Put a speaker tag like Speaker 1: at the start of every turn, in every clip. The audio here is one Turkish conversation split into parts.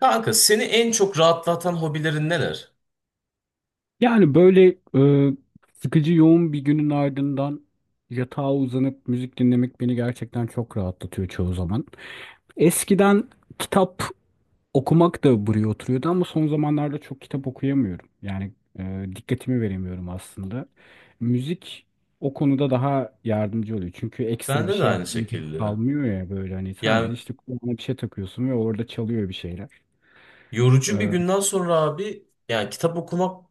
Speaker 1: Kanka seni en çok rahatlatan hobilerin neler?
Speaker 2: Yani böyle e, sıkıcı yoğun bir günün ardından yatağa uzanıp müzik dinlemek beni gerçekten çok rahatlatıyor çoğu zaman. Eskiden kitap okumak da buraya oturuyordu ama son zamanlarda çok kitap okuyamıyorum. Yani dikkatimi veremiyorum aslında. Müzik o konuda daha yardımcı oluyor. Çünkü ekstra bir
Speaker 1: Bende de
Speaker 2: şey
Speaker 1: aynı
Speaker 2: yapmaya gerek
Speaker 1: şekilde.
Speaker 2: kalmıyor ya, böyle hani sadece
Speaker 1: Yani
Speaker 2: işte kulağına bir şey takıyorsun ve orada çalıyor bir şeyler.
Speaker 1: yorucu bir
Speaker 2: E,
Speaker 1: günden sonra abi yani kitap okumak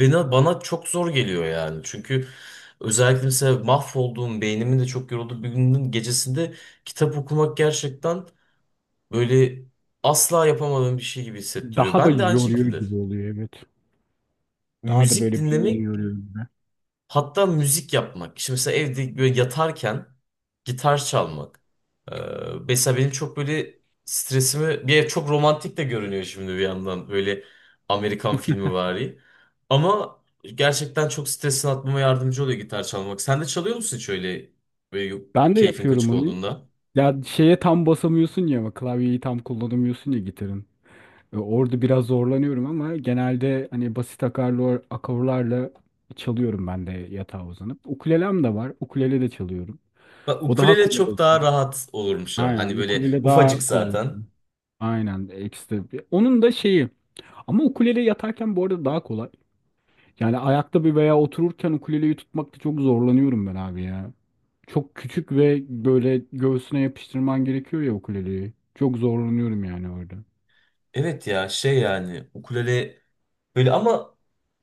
Speaker 1: bana çok zor geliyor yani. Çünkü özellikle mesela mahvolduğum beynimin de çok yorulduğu bir günün gecesinde kitap okumak gerçekten böyle asla yapamadığım bir şey gibi hissettiriyor.
Speaker 2: daha da
Speaker 1: Ben de aynı
Speaker 2: yoruyor
Speaker 1: şekilde.
Speaker 2: gibi oluyor, evet. Daha da
Speaker 1: Müzik
Speaker 2: böyle beynini
Speaker 1: dinlemek.
Speaker 2: yoruyor.
Speaker 1: Hatta müzik yapmak. Şimdi mesela evde böyle yatarken gitar çalmak. Ee, Mesela benim çok böyle stresimi. Bir ev çok romantik de görünüyor şimdi bir yandan. Böyle Amerikan filmi vari. Ama gerçekten çok stresini atmama yardımcı oluyor gitar çalmak. Sen de çalıyor musun hiç öyle böyle
Speaker 2: Ben de
Speaker 1: keyfin
Speaker 2: yapıyorum
Speaker 1: kaçık
Speaker 2: onu.
Speaker 1: olduğunda?
Speaker 2: Ya şeye tam basamıyorsun ya, ama klavyeyi tam kullanamıyorsun ya gitarın. Orada biraz zorlanıyorum ama genelde hani basit akarlar, akorlarla çalıyorum ben de yatağa uzanıp. Ukulelem de var. Ukulele de çalıyorum.
Speaker 1: Bak
Speaker 2: O daha
Speaker 1: ukulele
Speaker 2: kolay
Speaker 1: çok daha
Speaker 2: oldu.
Speaker 1: rahat olurmuş ha.
Speaker 2: Aynen.
Speaker 1: Hani böyle
Speaker 2: Ukulele
Speaker 1: ufacık
Speaker 2: daha kolay oldu.
Speaker 1: zaten.
Speaker 2: Aynen. Ekstra. Onun da şeyi. Ama ukulele yatarken bu arada daha kolay. Yani ayakta bir veya otururken ukuleleyi tutmakta çok zorlanıyorum ben abi ya. Çok küçük ve böyle göğsüne yapıştırman gerekiyor ya ukuleleyi. Çok zorlanıyorum yani orada.
Speaker 1: Evet ya şey yani ukulele böyle ama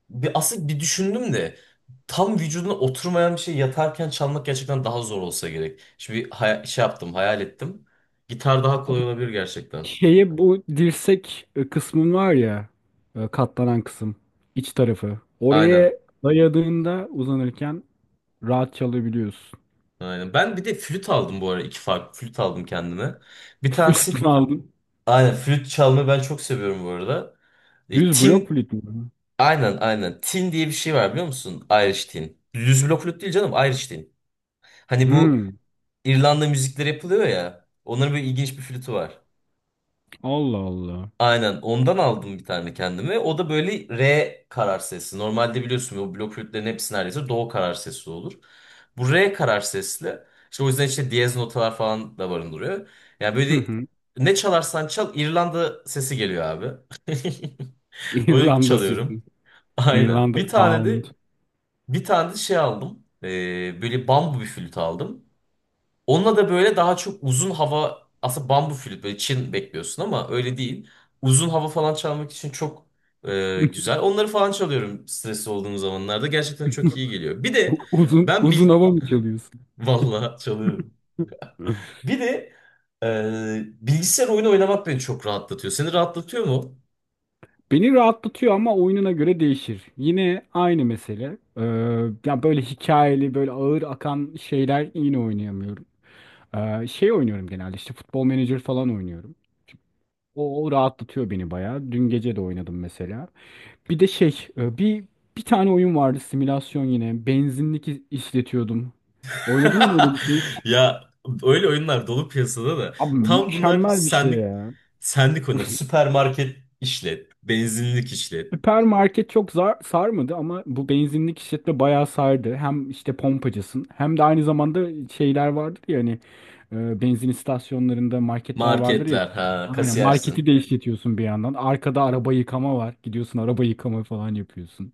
Speaker 1: aslında bir düşündüm de tam vücuduna oturmayan bir şey yatarken çalmak gerçekten daha zor olsa gerek. Şimdi bir şey yaptım, hayal ettim. Gitar daha
Speaker 2: Abi,
Speaker 1: kolay olabilir gerçekten.
Speaker 2: şeye bu dirsek kısmın var ya, katlanan kısım, iç tarafı. Oraya
Speaker 1: Aynen.
Speaker 2: dayadığında uzanırken rahat çalabiliyorsun.
Speaker 1: Aynen. Ben bir de flüt aldım bu ara. İki farklı flüt aldım kendime. Bir
Speaker 2: Flüt
Speaker 1: tanesi
Speaker 2: mü aldın?
Speaker 1: aynen flüt çalmayı ben çok seviyorum bu arada.
Speaker 2: Düz blok
Speaker 1: Tin
Speaker 2: flüt mü?
Speaker 1: aynen aynen. Tin diye bir şey var biliyor musun? Irish tin. Düz blok flüt değil canım, Irish tin. Hani bu
Speaker 2: Hmm.
Speaker 1: İrlanda müzikleri yapılıyor ya. Onların böyle ilginç bir flütü var.
Speaker 2: Allah Allah.
Speaker 1: Aynen ondan aldım bir tane kendime. O da böyle R karar sesi. Normalde biliyorsun o blok flütlerin hepsi neredeyse do karar sesi olur. Bu R karar sesli. İşte o yüzden işte diyez notalar falan da barındırıyor. Yani
Speaker 2: Hı
Speaker 1: böyle
Speaker 2: hı.
Speaker 1: ne çalarsan çal İrlanda sesi geliyor abi. Onu
Speaker 2: İrlanda sesi.
Speaker 1: çalıyorum. Aynen.
Speaker 2: İrlanda
Speaker 1: Bir tane
Speaker 2: sound.
Speaker 1: de bir tane de şey aldım. Böyle bambu bir flüt aldım. Onunla da böyle daha çok uzun hava aslında bambu flüt böyle Çin bekliyorsun ama öyle değil. Uzun hava falan çalmak için çok güzel. Onları falan çalıyorum stresli olduğum zamanlarda. Gerçekten çok iyi geliyor. Bir de
Speaker 2: Uzun
Speaker 1: ben
Speaker 2: uzun
Speaker 1: bil...
Speaker 2: hava mı çalıyorsun?
Speaker 1: Vallahi çalıyorum. Bir de e, bilgisayar oyunu oynamak beni çok rahatlatıyor. Seni rahatlatıyor mu?
Speaker 2: Beni rahatlatıyor ama oyununa göre değişir. Yine aynı mesele. Ya böyle hikayeli, böyle ağır akan şeyler yine oynayamıyorum. Şey oynuyorum genelde, işte futbol menajer falan oynuyorum. O, o rahatlatıyor beni bayağı. Dün gece de oynadım mesela. Bir de bir tane oyun vardı, simülasyon yine. Benzinlik işletiyordum. Oynadın mı öyle bir şey?
Speaker 1: Ya öyle oyunlar dolu piyasada da.
Speaker 2: Abi,
Speaker 1: Tam bunlar
Speaker 2: mükemmel bir şey
Speaker 1: senlik
Speaker 2: ya.
Speaker 1: senlik oyunlar. Süpermarket işlet, benzinlik işlet.
Speaker 2: Süpermarket çok zar sarmadı ama bu benzinlik işletme bayağı sardı. Hem işte pompacısın hem de aynı zamanda şeyler vardır ya hani, benzin istasyonlarında marketler vardır ya.
Speaker 1: Marketler ha
Speaker 2: Aynen, marketi
Speaker 1: kasiyersin.
Speaker 2: de işletiyorsun bir yandan. Arkada araba yıkama var. Gidiyorsun, araba yıkama falan yapıyorsun.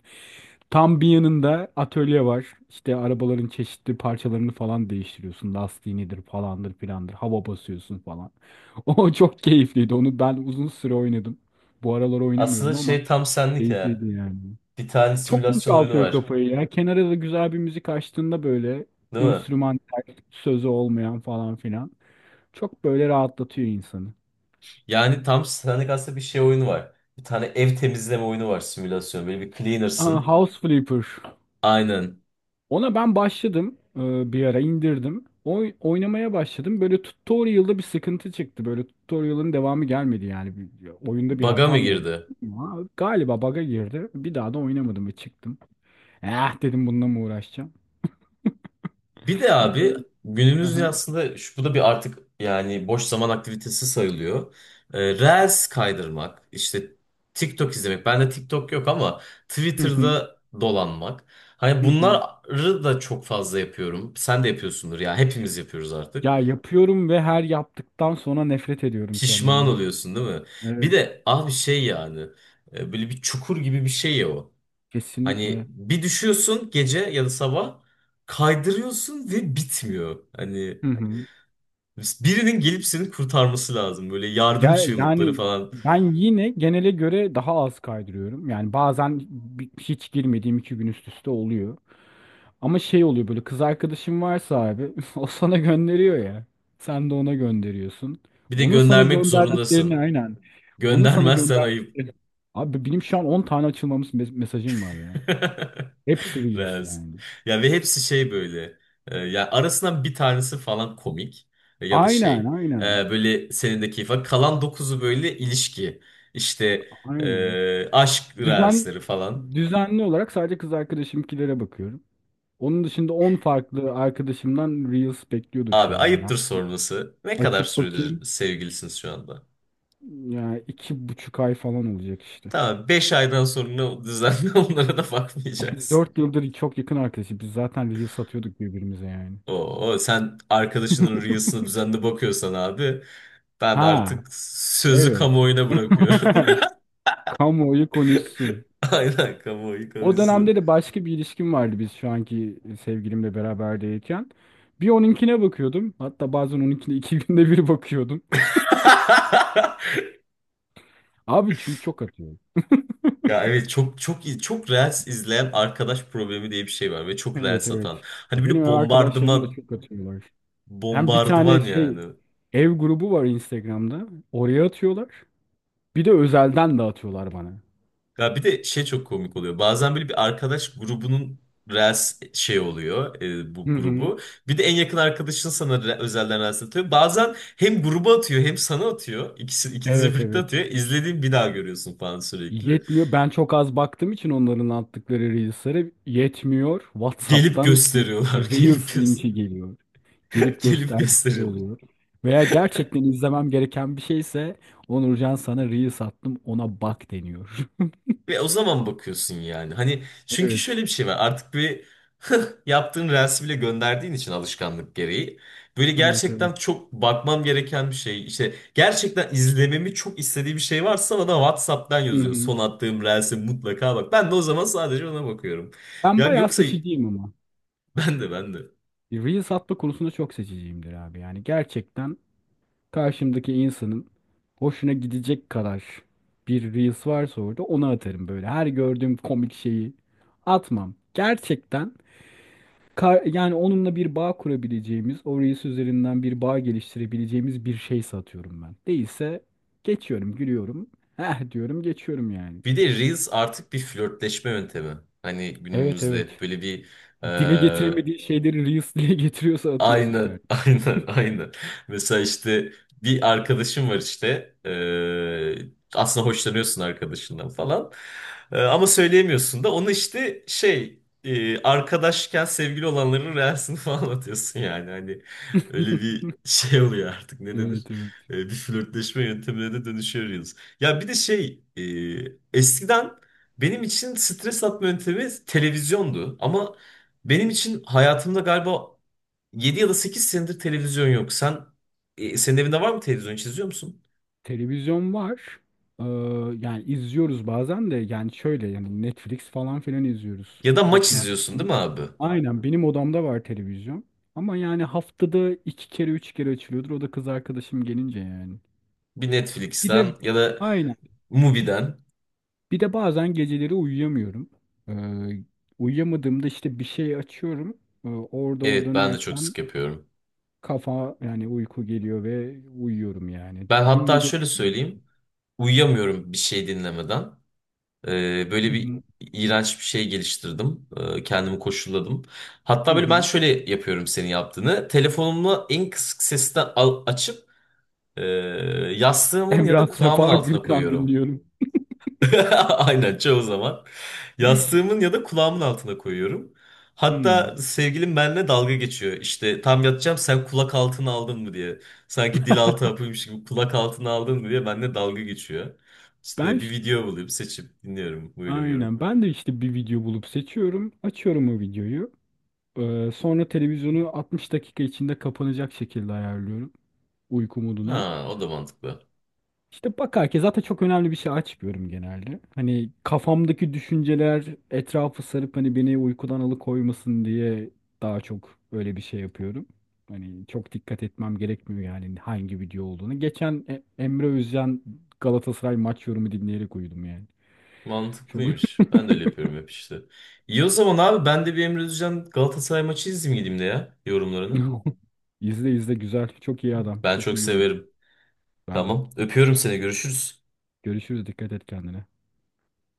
Speaker 2: Tam bir yanında atölye var. İşte arabaların çeşitli parçalarını falan değiştiriyorsun. Lastiğinidir, falandır, filandır. Hava basıyorsun falan. O çok keyifliydi. Onu ben uzun süre oynadım. Bu aralar
Speaker 1: Aslında
Speaker 2: oynamıyorum ama.
Speaker 1: şey tam senlik ya.
Speaker 2: Keyifliydi yani.
Speaker 1: Bir tane
Speaker 2: Çok
Speaker 1: simülasyon oyunu
Speaker 2: boşaltıyor
Speaker 1: var.
Speaker 2: kafayı ya. Kenara da güzel bir müzik açtığında, böyle
Speaker 1: Değil mi?
Speaker 2: enstrümantal, sözü olmayan falan filan. Çok böyle rahatlatıyor insanı.
Speaker 1: Yani tam senlik aslında bir şey oyunu var. Bir tane ev temizleme oyunu var simülasyon. Böyle bir
Speaker 2: Aa,
Speaker 1: cleaner'sın.
Speaker 2: House Flipper.
Speaker 1: Aynen.
Speaker 2: Ona ben başladım. Bir ara indirdim. Oynamaya başladım. Böyle tutorial'da bir sıkıntı çıktı. Böyle tutorial'ın devamı gelmedi yani. Oyunda bir
Speaker 1: Bug'a mı
Speaker 2: hata mı oldu?
Speaker 1: girdi?
Speaker 2: Ama galiba bug'a girdi. Bir daha da oynamadım ve çıktım. Eh dedim, bununla mı uğraşacağım?
Speaker 1: Bir de abi
Speaker 2: Hı
Speaker 1: günümüzde
Speaker 2: hı.
Speaker 1: aslında bu da bir artık yani boş zaman aktivitesi sayılıyor. Reels kaydırmak, işte TikTok izlemek. Bende TikTok yok ama
Speaker 2: Hı hı.
Speaker 1: Twitter'da dolanmak. Hani
Speaker 2: Hı hı.
Speaker 1: bunları da çok fazla yapıyorum. Sen de yapıyorsundur ya. Hepimiz yapıyoruz artık.
Speaker 2: Ya yapıyorum ve her yaptıktan sonra nefret ediyorum
Speaker 1: Pişman
Speaker 2: kendimden.
Speaker 1: oluyorsun değil mi? Bir
Speaker 2: Evet.
Speaker 1: de abi şey yani böyle bir çukur gibi bir şey ya o. Hani
Speaker 2: Kesinlikle.
Speaker 1: bir düşüyorsun gece ya da sabah kaydırıyorsun ve bitmiyor. Hani
Speaker 2: Hı hı.
Speaker 1: birinin gelip seni kurtarması lazım. Böyle yardım
Speaker 2: Gel,
Speaker 1: çığlıkları
Speaker 2: yani
Speaker 1: falan.
Speaker 2: ben yine genele göre daha az kaydırıyorum. Yani bazen hiç girmediğim iki gün üst üste oluyor. Ama şey oluyor, böyle kız arkadaşım varsa abi, o sana gönderiyor ya. Sen de ona gönderiyorsun.
Speaker 1: Bir de
Speaker 2: Onun sana
Speaker 1: göndermek
Speaker 2: gönderdiklerini,
Speaker 1: zorundasın.
Speaker 2: aynen. Onun sana
Speaker 1: Göndermezsen ayıp.
Speaker 2: gönderdiklerini. Abi, benim şu an 10 tane açılmamış mesajım var ya. Hepsi Reels
Speaker 1: Rez.
Speaker 2: yani.
Speaker 1: Ya ve hepsi şey böyle. Ya arasından bir tanesi falan komik, ya da
Speaker 2: Aynen,
Speaker 1: şey. e,
Speaker 2: aynen.
Speaker 1: Böyle senin de keyif var. Kalan dokuzu böyle ilişki. İşte
Speaker 2: Aynen.
Speaker 1: aşk
Speaker 2: Düzen
Speaker 1: reelsleri falan.
Speaker 2: düzenli olarak sadece kız arkadaşımkilere bakıyorum. Onun dışında 10 farklı arkadaşımdan Reels bekliyordur
Speaker 1: Abi
Speaker 2: şu an yani.
Speaker 1: ayıptır sorması. Ne kadar
Speaker 2: Açıp
Speaker 1: süredir
Speaker 2: bakayım.
Speaker 1: sevgilisiniz şu anda?
Speaker 2: Yani iki buçuk ay falan olacak işte.
Speaker 1: Tamam 5 aydan sonra düzenli onlara da
Speaker 2: Biz
Speaker 1: bakmayacaksın.
Speaker 2: dört yıldır çok yakın arkadaşız. Biz zaten Reels satıyorduk birbirimize yani.
Speaker 1: Oo, sen arkadaşının rüyasına düzenli bakıyorsan abi ben
Speaker 2: Ha,
Speaker 1: artık sözü
Speaker 2: evet.
Speaker 1: kamuoyuna bırakıyorum.
Speaker 2: Kamuoyu konuşsun.
Speaker 1: Aynen kamuoyu
Speaker 2: O dönemde
Speaker 1: konuşsun.
Speaker 2: de başka bir ilişkim vardı, biz şu anki sevgilimle beraber değilken. Bir onunkine bakıyordum. Hatta bazen onunkine iki günde bir bakıyordum. Abi, çünkü çok atıyor.
Speaker 1: Ya evet çok çok iyi çok reels izleyen arkadaş problemi diye bir şey var ve çok
Speaker 2: Evet,
Speaker 1: reels
Speaker 2: evet.
Speaker 1: atan. Hani
Speaker 2: Ya benim
Speaker 1: böyle
Speaker 2: ev arkadaşlarım da
Speaker 1: bombardıman
Speaker 2: çok atıyorlar. Hem bir tane
Speaker 1: bombardıman
Speaker 2: şey,
Speaker 1: yani.
Speaker 2: ev grubu var Instagram'da. Oraya atıyorlar. Bir de özelden de atıyorlar bana.
Speaker 1: Ya bir de şey çok komik oluyor. Bazen böyle bir arkadaş grubunun Reels şey oluyor
Speaker 2: Hı
Speaker 1: bu
Speaker 2: hı.
Speaker 1: grubu. Bir de en yakın arkadaşın sana özelden Reels atıyor. Bazen hem gruba atıyor hem sana atıyor. İkisi, ikinize
Speaker 2: Evet,
Speaker 1: birlikte
Speaker 2: evet.
Speaker 1: atıyor. İzlediğin bir daha görüyorsun falan sürekli.
Speaker 2: Yetmiyor. Ben çok az baktığım için onların attıkları Reels'lere yetmiyor.
Speaker 1: Gelip
Speaker 2: WhatsApp'tan
Speaker 1: gösteriyorlar. Gelip
Speaker 2: Reels
Speaker 1: göz
Speaker 2: linki geliyor. Gelip
Speaker 1: gelip
Speaker 2: gösterdikleri
Speaker 1: gösteriyorlar.
Speaker 2: oluyor. Veya gerçekten izlemem gereken bir şeyse, Onurcan sana Reels attım, ona bak deniyor.
Speaker 1: Ve o zaman bakıyorsun yani. Hani çünkü
Speaker 2: Evet.
Speaker 1: şöyle bir şey var. Artık bir yaptığın reels'i bile gönderdiğin için alışkanlık gereği. Böyle
Speaker 2: Evet, evet.
Speaker 1: gerçekten çok bakmam gereken bir şey. İşte gerçekten izlememi çok istediği bir şey varsa bana WhatsApp'tan
Speaker 2: Hı
Speaker 1: yazıyor.
Speaker 2: hı.
Speaker 1: Son attığım reels'e mutlaka bak. Ben de o zaman sadece ona bakıyorum.
Speaker 2: Ben
Speaker 1: Ya
Speaker 2: bayağı
Speaker 1: yoksa
Speaker 2: seçiciyim ama.
Speaker 1: ben de.
Speaker 2: Reels atma konusunda çok seçiciyimdir abi. Yani gerçekten karşımdaki insanın hoşuna gidecek kadar bir Reels varsa orada, onu atarım böyle. Her gördüğüm komik şeyi atmam. Gerçekten, yani onunla bir bağ kurabileceğimiz, o Reels üzerinden bir bağ geliştirebileceğimiz bir şey satıyorum ben. Değilse geçiyorum, gülüyorum. Heh diyorum, geçiyorum yani.
Speaker 1: Bir de Reels artık bir flörtleşme yöntemi. Hani
Speaker 2: Evet,
Speaker 1: günümüzde
Speaker 2: evet.
Speaker 1: böyle bir,
Speaker 2: Dile getiremediği şeyleri Reels dile getiriyorsa, atıyorsun
Speaker 1: aynen,
Speaker 2: kardeşim.
Speaker 1: aynen, aynen. Mesela işte bir arkadaşım var işte. Aslında hoşlanıyorsun arkadaşından falan. Ama söyleyemiyorsun da. Onu işte şey arkadaşken sevgili olanların reelsini falan atıyorsun yani. Hani öyle bir şey oluyor artık ne denir?
Speaker 2: Evet, evet.
Speaker 1: Bir flörtleşme yöntemine de dönüşüyoruz. Ya bir de şey eskiden benim için stres atma yöntemi televizyondu. Ama benim için hayatımda galiba 7 ya da 8 senedir televizyon yok. Senin evinde var mı televizyon hiç izliyor musun?
Speaker 2: Televizyon var. Ee, yani izliyoruz bazen de, yani şöyle yani Netflix falan filan izliyoruz.
Speaker 1: Ya da
Speaker 2: Çok
Speaker 1: maç
Speaker 2: nadir.
Speaker 1: izliyorsun değil mi abi?
Speaker 2: Aynen, benim odamda var televizyon. Ama yani haftada iki kere üç kere açılıyordur. O da kız arkadaşım gelince yani.
Speaker 1: Bir
Speaker 2: Bir de,
Speaker 1: Netflix'ten ya da
Speaker 2: aynen.
Speaker 1: Mubi'den.
Speaker 2: Bir de bazen geceleri uyuyamıyorum. Ee, uyuyamadığımda işte bir şey açıyorum. Orada o
Speaker 1: Evet ben de çok
Speaker 2: dönerken
Speaker 1: sık yapıyorum.
Speaker 2: kafa, yani uyku geliyor ve uyuyorum yani.
Speaker 1: Ben
Speaker 2: Dün
Speaker 1: hatta
Speaker 2: gece...
Speaker 1: şöyle söyleyeyim. Uyuyamıyorum bir şey dinlemeden. Ee,
Speaker 2: Hı
Speaker 1: böyle bir
Speaker 2: hı.
Speaker 1: iğrenç bir şey geliştirdim. Kendimi koşulladım.
Speaker 2: Hı
Speaker 1: Hatta böyle ben
Speaker 2: hı.
Speaker 1: şöyle yapıyorum senin yaptığını. Telefonumu en kısık sesten açıp e, yastığımın ya
Speaker 2: Emrah
Speaker 1: da kulağımın
Speaker 2: Sefa
Speaker 1: altına
Speaker 2: Gürkan
Speaker 1: koyuyorum.
Speaker 2: dinliyorum.
Speaker 1: Aynen çoğu zaman. Yastığımın ya da kulağımın altına koyuyorum.
Speaker 2: Hmm.
Speaker 1: Hatta sevgilim benimle dalga geçiyor. İşte tam yatacağım sen kulak altına aldın mı diye. Sanki dil altı hapıymış gibi kulak altına aldın mı diye benimle dalga geçiyor.
Speaker 2: Ben
Speaker 1: İşte bir
Speaker 2: ş-
Speaker 1: video bulup seçip dinliyorum. Böyle uyuyorum.
Speaker 2: aynen, ben de işte bir video bulup seçiyorum. Açıyorum o videoyu. Sonra televizyonu 60 dakika içinde kapanacak şekilde ayarlıyorum, uyku moduna.
Speaker 1: Ha o da mantıklı.
Speaker 2: İşte bakar ki zaten çok önemli bir şey açmıyorum genelde. Hani kafamdaki düşünceler etrafı sarıp hani beni uykudan alıkoymasın diye daha çok öyle bir şey yapıyorum. Hani çok dikkat etmem gerekmiyor yani hangi video olduğunu. Geçen Emre Özcan Galatasaray maç yorumu dinleyerek uyudum yani. Çok
Speaker 1: Mantıklıymış. Ben de öyle yapıyorum hep işte. İyi o zaman abi ben de bir Emre Özcan Galatasaray maçı izleyeyim gideyim de ya yorumlarını.
Speaker 2: izle izle, güzel. Çok iyi adam.
Speaker 1: Ben
Speaker 2: Çok
Speaker 1: çok
Speaker 2: iyi yorum.
Speaker 1: severim.
Speaker 2: Ben de.
Speaker 1: Tamam. Öpüyorum seni. Görüşürüz.
Speaker 2: Görüşürüz. Dikkat et kendine.